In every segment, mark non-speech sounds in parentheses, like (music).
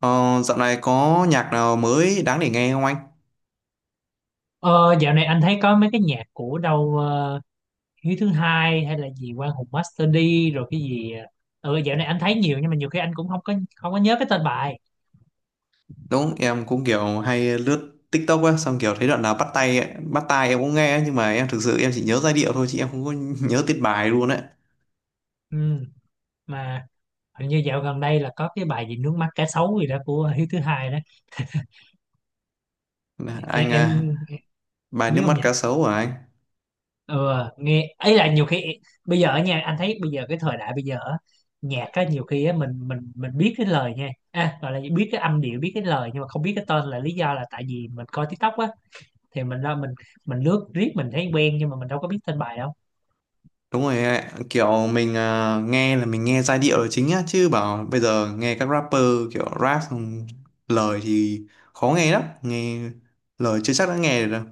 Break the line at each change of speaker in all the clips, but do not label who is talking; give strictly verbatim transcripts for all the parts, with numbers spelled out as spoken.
Ờ, dạo này có nhạc nào mới đáng để nghe không anh?
Ờ, Dạo này anh thấy có mấy cái nhạc của đâu ờ, Hiếu thứ hai hay là gì Quang Hùng Master D rồi cái gì ờ ừ, dạo này anh thấy nhiều nhưng mà nhiều khi anh cũng không có không có nhớ cái tên bài.
Đúng, em cũng kiểu hay lướt TikTok á, xong kiểu thấy đoạn nào bắt tay, ấy- bắt tai em cũng nghe ấy, nhưng mà em thực sự em chỉ nhớ giai điệu thôi chứ em không có (laughs) nhớ tiết bài luôn đấy.
Ừ, mà hình như dạo gần đây là có cái bài gì nước mắt cá sấu gì đó của Hiếu thứ hai đó. em,
Anh
em
à, bài
biết
nước
không
mắt
nhỉ?
cá sấu hả anh?
Ừ, nghe ấy là nhiều khi bây giờ ở nha anh thấy bây giờ cái thời đại bây giờ á, nhạc á nhiều khi á mình mình mình biết cái lời nha à, gọi là biết cái âm điệu biết cái lời nhưng mà không biết cái tên, là lý do là tại vì mình coi TikTok á, thì mình ra mình mình lướt riết mình thấy quen nhưng mà mình đâu có biết tên bài đâu.
Đúng rồi, ạ. Kiểu mình à, nghe là mình nghe giai điệu là chính á, chứ bảo bây giờ nghe các rapper kiểu rap xong lời thì khó nghe lắm, nghe lời chưa chắc đã nghe được đâu.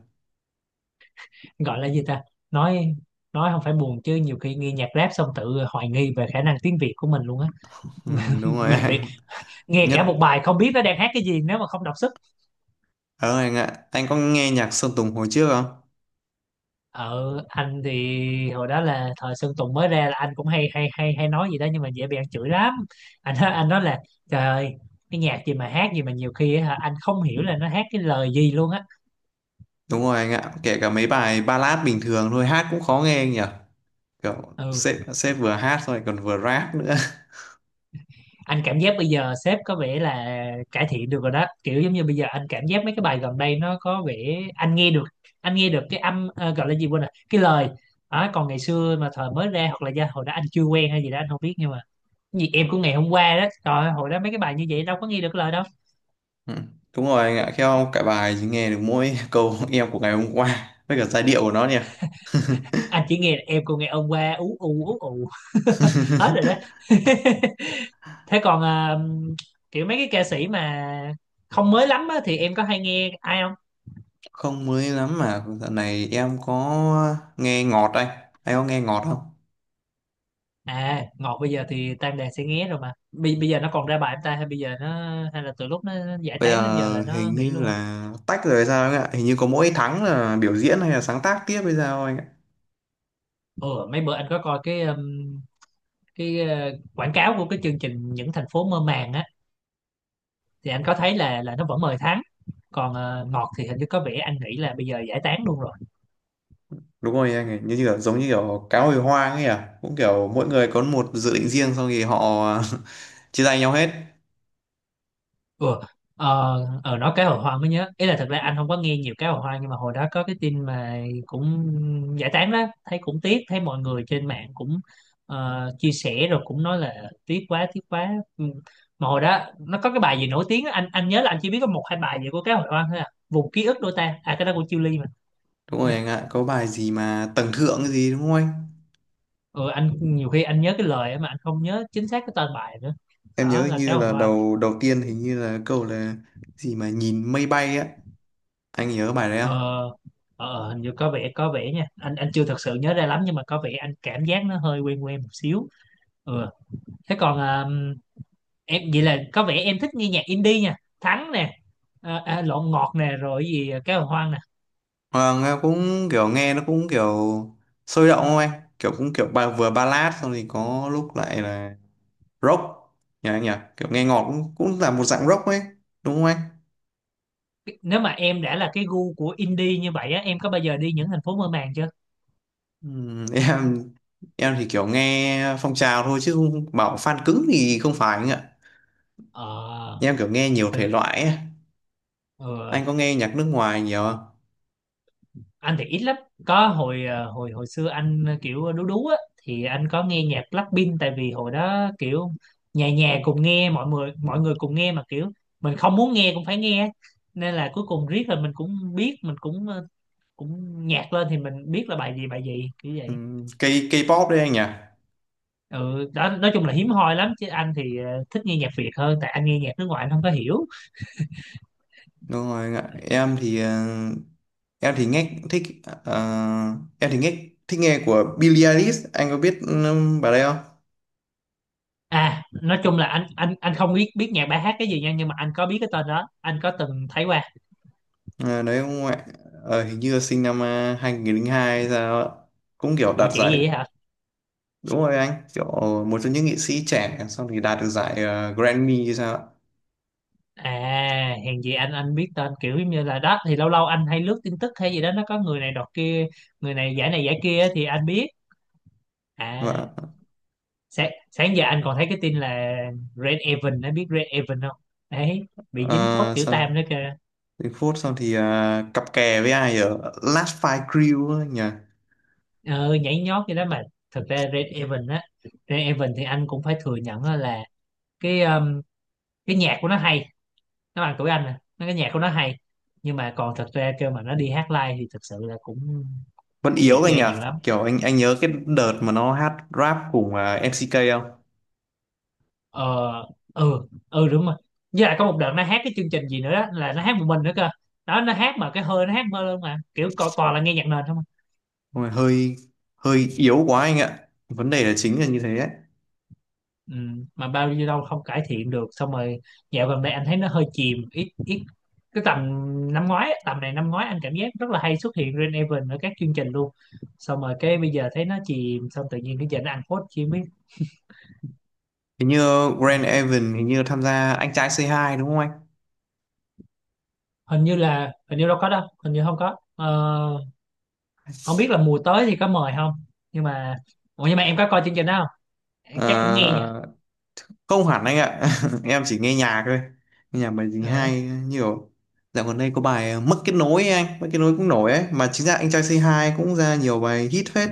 Gọi là gì ta, nói nói không phải buồn chứ nhiều khi nghe nhạc rap xong tự hoài nghi về khả năng tiếng Việt của mình luôn á.
Ừ,
(laughs)
đúng rồi
Mình bị
anh. (laughs)
nghe
Nhất
cả một bài không biết nó đang hát cái gì nếu mà không đọc sức.
Ờ anh ạ, anh có nghe nhạc Sơn Tùng hồi trước không?
Ở anh thì hồi đó là thời Sơn Tùng mới ra là anh cũng hay hay hay hay nói gì đó nhưng mà dễ bị ăn chửi lắm. Anh nói- anh nói là trời ơi, cái nhạc gì mà hát gì mà nhiều khi á hả, anh không hiểu là nó hát cái lời gì luôn á.
Đúng rồi anh ạ, kể cả mấy bài ballad bình thường thôi hát cũng khó nghe anh nhỉ. Kiểu
Ừ,
sếp sếp vừa hát rồi còn vừa rap nữa. (laughs)
anh cảm giác bây giờ sếp có vẻ là cải thiện được rồi đó, kiểu giống như bây giờ anh cảm giác mấy cái bài gần đây nó có vẻ anh nghe được, anh nghe được cái âm ờ, gọi là gì quên rồi cái lời. Đó, còn ngày xưa mà thời mới ra hoặc là do hồi đó anh chưa quen hay gì đó anh không biết, nhưng mà cái gì em của ngày hôm qua đó trời ơi, hồi đó mấy cái bài như vậy đâu có nghe được lời đâu.
Ừ. Đúng rồi anh ạ, theo cả bài chỉ nghe được mỗi (laughs) câu em của ngày hôm qua với cả giai điệu của nó nhỉ. (laughs)
Anh chỉ nghe là em của ngày hôm qua ú ù ú ù, (laughs) hết rồi đó. (laughs) Thế còn ờ, kiểu mấy cái ca sĩ mà không mới lắm á, thì em có hay nghe ai?
Không mới lắm mà dạo này em có nghe ngọt anh. Anh có nghe ngọt không?
À, Ngọt bây giờ thì Tam Đàn sẽ nghé rồi mà. Bây, bây giờ nó còn ra bài em ta hay bây giờ nó hay là từ lúc nó giải
Bây
tán đến giờ
giờ
là nó
hình
nghỉ
như
luôn rồi.
là tách rồi hay sao anh ạ? Hình như có mỗi tháng là biểu diễn hay là sáng tác tiếp hay sao anh ạ?
Ừ, mấy bữa anh có coi cái um, cái uh, quảng cáo của cái chương trình những thành phố mơ màng á thì anh có thấy là là nó vẫn mời Thắng. Còn ờ, Ngọt thì hình như có vẻ anh nghĩ là bây giờ giải tán luôn rồi.
Đúng rồi anh, ấy như kiểu giống như kiểu cá hồi hoang ấy à, cũng kiểu mỗi người có một dự định riêng xong thì họ (laughs) chia tay nhau hết.
Ủa, ờ, ờ, nói cá hồi hoang mới nhớ ý là thật ra anh không có nghe nhiều cá hồi hoang nhưng mà hồi đó có cái tin mà cũng giải tán đó, thấy cũng tiếc, thấy mọi người trên mạng cũng ờ, chia sẻ rồi cũng nói là tiếc quá tiếc quá. Ừ, mà hồi đó nó có cái bài gì nổi tiếng á, anh anh nhớ là anh chỉ biết có một hai bài gì của cá hồi hoang thôi à, vùng ký ức đôi ta à, cái đó của Chillies mà
Đúng rồi
nha.
anh ạ, có bài gì mà tầng thượng cái gì đúng không anh?
Ừ, anh nhiều khi anh nhớ cái lời á mà anh không nhớ chính xác cái tên bài nữa,
Em nhớ
đó
hình
là cá
như
hồi
là
hoang.
đầu đầu tiên hình như là câu là gì mà nhìn mây bay á. Anh nhớ bài đấy
Ờ,
không?
ờ, ờ, hình như có vẻ có vẻ nha, anh anh chưa thật sự nhớ ra lắm nhưng mà có vẻ anh cảm giác nó hơi quen quen một xíu. Ừ. Thế còn à, em vậy là có vẻ em thích nghe nhạc indie nha, Thắng nè, à, à, Lộn Ngọt nè rồi gì à, Cá Hồi Hoang nè.
Ờ, nghe cũng kiểu, nghe nó cũng kiểu sôi động không anh? Kiểu cũng kiểu ba, vừa ballad xong thì có lúc lại là rock nhỉ anh nhỉ. Kiểu nghe ngọt cũng cũng là một dạng rock ấy, đúng không anh?
Nếu mà em đã là cái gu của indie như vậy á, em có bao giờ đi những thành phố mơ màng chưa?
Ừm, em em thì kiểu nghe phong trào thôi chứ không bảo fan cứng thì không phải anh ạ.
ờ,
Em kiểu nghe nhiều
Thực,
thể loại ấy.
ừ.
Anh có nghe nhạc nước ngoài nhiều không?
Anh thì ít lắm, có hồi ờ, hồi hồi xưa anh ờ, kiểu đú đú á thì anh có nghe nhạc Blackpink, tại vì hồi đó kiểu nhà nhà cùng nghe, mọi người mọi người cùng nghe mà kiểu mình không muốn nghe cũng phải nghe, nên là cuối cùng riết là mình cũng biết, mình cũng ờ, cũng nhạc lên thì mình biết là bài gì bài gì kiểu vậy.
Ừm, K K-pop đấy anh nhỉ.
Ừ, đó nói chung là hiếm hoi lắm chứ anh thì ờ, thích nghe nhạc Việt hơn, tại anh nghe nhạc nước ngoài anh không có hiểu.
Đúng rồi anh ạ, em thì ờ, em thì nghe thích ờ, em thì nghe thích nghe của Billie Eilish. Anh có biết um, bà đây không?
À, nói chung là anh anh anh không biết biết nhạc bài hát cái gì nha, nhưng mà anh có biết cái tên đó, anh có từng thấy qua.
Ờ, đấy không ạ. Ờ, hình như là sinh năm uh, hai không không hai hay sao ạ, cũng kiểu
Ủa
đạt
chị
giải.
gì hả?
Đúng rồi anh, kiểu một trong những nghệ sĩ trẻ xong thì đạt được giải ờ, Grammy hay sao ạ?
À, hèn gì anh anh biết tên, kiểu giống như là đó thì lâu lâu anh hay lướt tin tức hay gì đó nó có người này đọt kia, người này giải này giải kia á, thì anh biết. À,
Và
sáng, sáng giờ anh còn thấy cái tin là Red Evan, anh biết Red Evan không? Đấy, bị dính phốt
ờ,
tiểu
sao
tam đó kìa.
đến phút xong thì ờ, cặp kè với ai ở Last Fight Crew ấy nhỉ?
Ờ, nhảy nhót vậy đó mà. Thực ra Red Evan á, Red Evan thì anh cũng phải thừa nhận á là cái um, cái nhạc của nó hay, nó bằng tuổi anh nè, nó cái nhạc của nó hay. Nhưng mà còn thật ra kêu mà nó đi hát live thì thật sự là cũng
Vẫn
cũng
yếu
bị
anh
chê
nhỉ.
nhiều lắm.
Kiểu anh anh nhớ cái đợt mà nó hát rap cùng ờ, em xê ca không?
Ờ ừ ừ đúng rồi. Với lại có một đợt nó hát cái chương trình gì nữa đó là nó hát một mình nữa cơ, đó nó hát mà cái hơi nó hát mơ luôn mà kiểu co- toàn là nghe nhạc nền không à.
Ôi, hơi hơi yếu quá anh ạ, vấn đề là chính là như thế ấy.
Ừ, mà bao nhiêu đâu không cải thiện được, xong rồi dạo gần đây anh thấy nó hơi chìm ít ít. Cái tầm năm ngoái á, tầm này năm ngoái anh cảm giác rất là hay xuất hiện Rain Event ở các chương trình luôn, xong rồi cái bây giờ thấy nó chìm xong tự nhiên cái giờ nó ăn phốt chi không biết.
Hình như Grand
Đấy.
Evan hình như tham gia anh trai c hai đúng không anh?
Hình như là hình như đâu có đâu, hình như không có. Ờ, không biết là mùa tới thì có mời không, nhưng mà ủa nhưng mà em có coi chương trình đó không, chắc cũng nghe nhỉ.
Ờ, không hẳn anh ạ. (laughs) Em chỉ nghe nhạc thôi, nghe nhạc bài gì
Ờ.
hay nhiều. Dạo gần đây có bài ờ, mất kết nối ấy anh, mất kết nối cũng nổi ấy mà. Chính ra anh trai Say Hi cũng ra nhiều bài hit phết.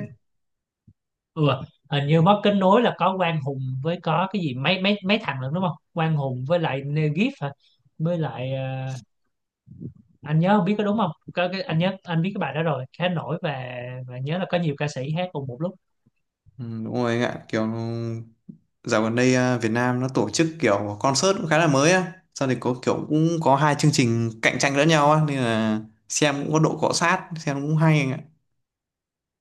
Ừ. Hình như mất kết nối là có Quang Hùng với có cái gì mấy mấy mấy thằng nữa đúng không, Quang Hùng với lại Negif hả, với lại ờ, anh nhớ không biết có đúng không, có cái anh nhớ anh biết cái bài đó rồi khá nổi, và và nhớ là có nhiều ca sĩ hát cùng một lúc.
Ừ, đúng rồi anh ạ, kiểu ừ, dạo gần đây à, Việt Nam nó tổ chức kiểu concert cũng khá là mới á, sau thì có kiểu cũng có hai chương trình cạnh tranh lẫn nhau á nên là xem cũng có độ cọ sát, xem cũng hay anh ạ.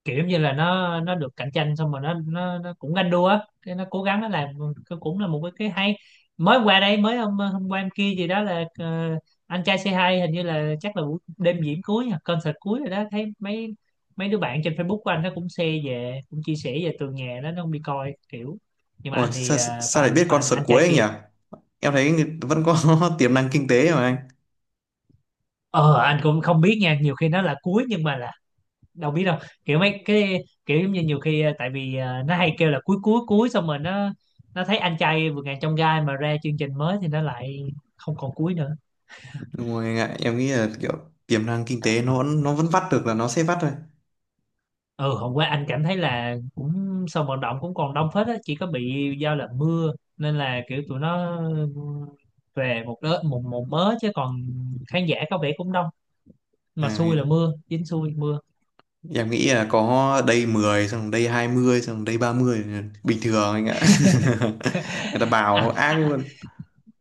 Kiểu như là nó nó được cạnh tranh xong rồi nó nó nó cũng ganh đua á, cái nó cố gắng nó làm, cái cũng là một cái, cái hay. Mới qua đây mới hôm hôm qua em kia gì đó là ờ, anh trai Say hai hình như là chắc là buổi đêm diễn cuối nha, concert cuối rồi đó, thấy mấy mấy đứa bạn trên Facebook của anh nó cũng share về cũng chia sẻ về tường nhà đó, nó không đi coi kiểu, nhưng mà
Ôi
anh thì
sao,
ờ,
sao lại
fan
biết
fan
concert
anh
cuối
trai
anh nhỉ?
kia.
Em thấy vẫn có (laughs) tiềm năng kinh tế mà anh.
Ờ anh cũng không biết nha, nhiều khi nó là cuối nhưng mà là đâu biết đâu, kiểu mấy cái kiểu giống như nhiều khi ờ, tại vì ờ, nó hay kêu là cuối cuối cuối xong rồi nó nó thấy anh trai vượt ngàn chông gai mà ra chương trình mới thì nó lại không còn cuối nữa.
Đúng rồi anh ạ, em nghĩ là kiểu tiềm năng kinh tế nó vẫn- nó vẫn vắt được là nó sẽ vắt thôi.
Ừ, hôm qua anh cảm thấy là cũng sân vận động cũng còn đông phết á, chỉ có bị giao là mưa nên là kiểu tụi nó về một đợt một một mớ chứ còn khán giả có vẻ cũng đông, mà
À,
xui là mưa, dính xui mưa.
em nghĩ là có đây mười xong đây hai mươi xong đây ba mươi là bình thường anh ạ.
(laughs)
(laughs) Người ta bảo
à,
ác
à,
luôn.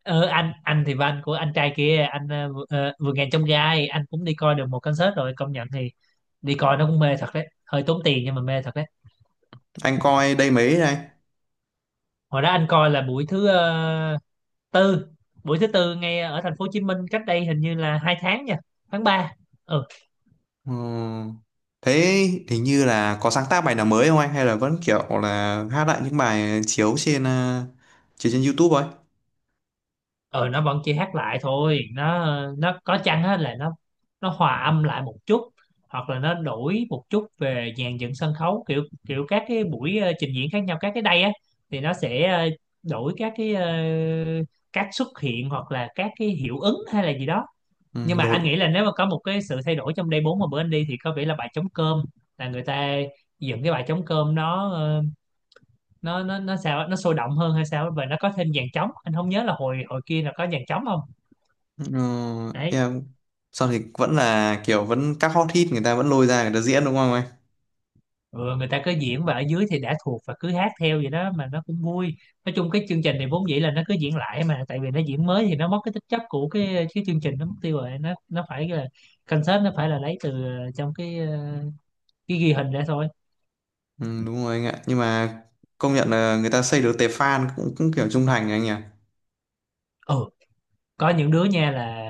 ờ anh anh thì van của anh trai kia anh ờ, vừa ờ, vừa ngàn trong gai anh cũng đi coi được một concert rồi, công nhận thì đi coi nó cũng mê thật đấy, hơi tốn tiền nhưng mà mê thật đấy.
Anh coi đây mấy này.
Hồi đó anh coi là buổi thứ ờ, tư, buổi thứ tư ngay ở thành phố Hồ Chí Minh, cách đây hình như là hai tháng nha, tháng ba.
Ừ. Thế hình như là có sáng tác bài nào mới không anh, hay là vẫn kiểu là hát lại những bài chiếu trên ờ, chiếu trên YouTube ấy?
Ừ nó vẫn chỉ hát lại thôi, nó nó có chăng á là nó nó hòa âm lại một chút, hoặc là nó đổi một chút về dàn dựng sân khấu kiểu kiểu các cái buổi ờ, trình diễn khác nhau các cái day á, thì nó sẽ ờ, đổi các cái ờ, cách xuất hiện hoặc là các cái hiệu ứng hay là gì đó.
Ừ,
Nhưng mà
đội.
anh nghĩ là nếu mà có một cái sự thay đổi trong day bốn mà bữa anh đi thì có vẻ là bài trống cơm, là người ta dựng cái bài trống cơm, nó ờ, nó nó nó sao á, nó sôi động hơn hay sao á, và nó có thêm dàn trống. Anh không nhớ là hồi hồi kia là có dàn trống không,
Ừ,
đấy.
em sau thì vẫn là kiểu vẫn các hot hit, người ta vẫn lôi ra người ta diễn đúng không?
Ừ, người ta cứ diễn và ở dưới thì đã thuộc và cứ hát theo vậy đó mà nó cũng vui. Nói chung cái chương trình này vốn dĩ là nó cứ diễn lại, mà tại vì nó diễn mới thì nó mất cái tính chất của cái cái chương trình, nó mất tiêu rồi. Nó nó phải là concert, nó phải là lấy từ ờ, trong cái ờ, cái ghi hình ra thôi.
Ừ, đúng rồi anh ạ, nhưng mà công nhận là người ta xây được tệp fan cũng, cũng kiểu trung thành anh nhỉ.
Ừ, có những đứa nha là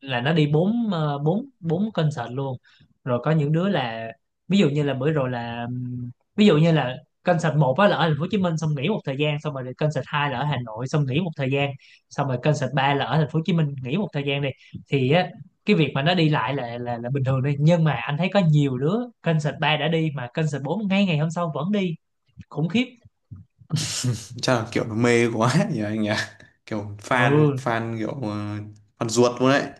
là nó đi bốn ờ, bốn bốn concert luôn. Rồi có những đứa là, ví dụ như là bữa rồi là ừm, ví dụ như là concert một á là ở thành phố Hồ Chí Minh, xong nghỉ một thời gian, xong rồi thì concert hai là ở Hà Nội, xong nghỉ một thời gian, xong rồi concert ba là ở thành phố Hồ Chí Minh, nghỉ một thời gian đi. Thì á, cái việc mà nó đi lại là là là bình thường đi, nhưng mà anh thấy có nhiều đứa concert ba đã đi mà concert bốn ngay ngày hôm sau vẫn đi. Khủng khiếp.
(laughs) Chắc là kiểu nó mê quá nhỉ anh nhỉ, kiểu fan
Ừ.
fan kiểu ờ, fan ruột luôn đấy.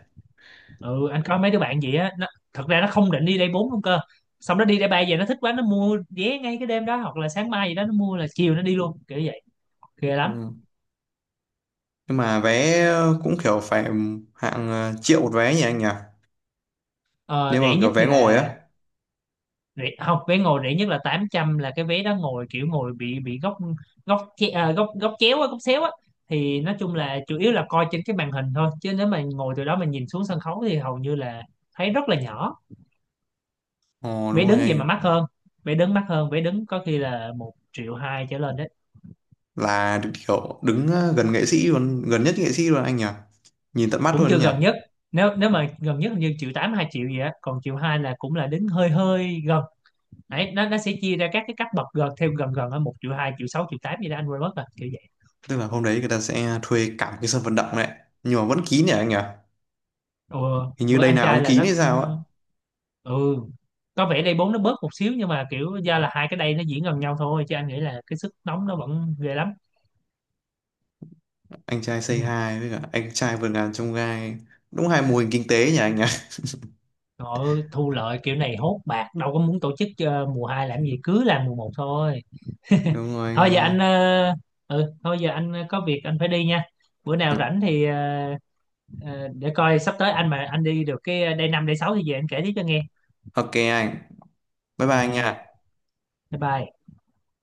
Ừ, anh coi mấy đứa bạn vậy á, nó, thật ra nó không định đi đây bốn luôn cơ, xong nó đi đây ba về, nó thích quá, nó mua vé ngay cái đêm đó hoặc là sáng mai gì đó, nó mua là chiều nó đi luôn kiểu vậy. Ghê lắm.
Ừ. Nhưng mà vé cũng kiểu phải hạng ờ, triệu một vé nhỉ anh nhỉ,
ờ,
nếu
Rẻ
mà kiểu
nhất
vé
thì
ngồi
là,
á.
rẻ, không, vé ngồi rẻ nhất là tám trăm, là cái vé đó ngồi kiểu ngồi bị bị góc, góc che- à, góc góc chéo á, góc xéo á. Thì nói chung là chủ yếu là coi trên cái màn hình thôi, chứ nếu mà ngồi từ đó mà nhìn xuống sân khấu thì hầu như là thấy rất là nhỏ.
Ồ đúng
Vé
rồi
đứng vậy mà
anh,
mắc hơn. Vé đứng mắc hơn, vé đứng có khi là một triệu hai trở lên đấy.
là kiểu đứng ờ, gần nghệ sĩ luôn, gần nhất nghệ sĩ luôn anh nhỉ. Nhìn tận mắt
Cũng
luôn đấy
chưa
nhỉ.
gần nhất. Nếu nếu mà gần nhất hình như triệu tám, hai triệu gì á, còn triệu hai là cũng là đến hơi hơi gần. Đấy, nó nó sẽ chia ra các cái cấp bậc gần theo gần, gần ở một triệu hai, triệu sáu, triệu tám gì đó, anh quên mất rồi kiểu vậy.
Tức là hôm đấy người ta sẽ thuê cả một cái sân vận động đấy, nhưng mà vẫn kín nhỉ anh nhỉ?
Ừ,
Hình như
bữa
đây
anh
nào
trai
ông
là
kín
nó,
hay
ừ.
sao á?
Ừ, có vẻ đây bốn nó bớt một xíu, nhưng mà kiểu do là hai cái đây nó diễn gần nhau thôi, chứ anh nghĩ là cái sức nóng nó vẫn ghê lắm.
Anh trai
Ừ.
Say Hi với cả anh trai vượt ngàn chông gai, đúng hai mô hình kinh tế nhỉ anh nhỉ.
Rồi, thu lợi kiểu này hốt bạc, đâu có muốn tổ chức ờ, mùa hai làm gì, cứ làm mùa một thôi. (laughs)
(laughs) Đúng rồi anh
thôi giờ
ơi.
anh ờ, ừ Thôi giờ anh có việc anh phải đi nha. Bữa
Ừ.
nào rảnh thì ờ, ờ, để coi sắp tới anh mà anh đi được cái day năm, day sáu thì về anh kể tiếp cho nghe.
OK anh, bye bye anh nha.
Rồi, bye bye.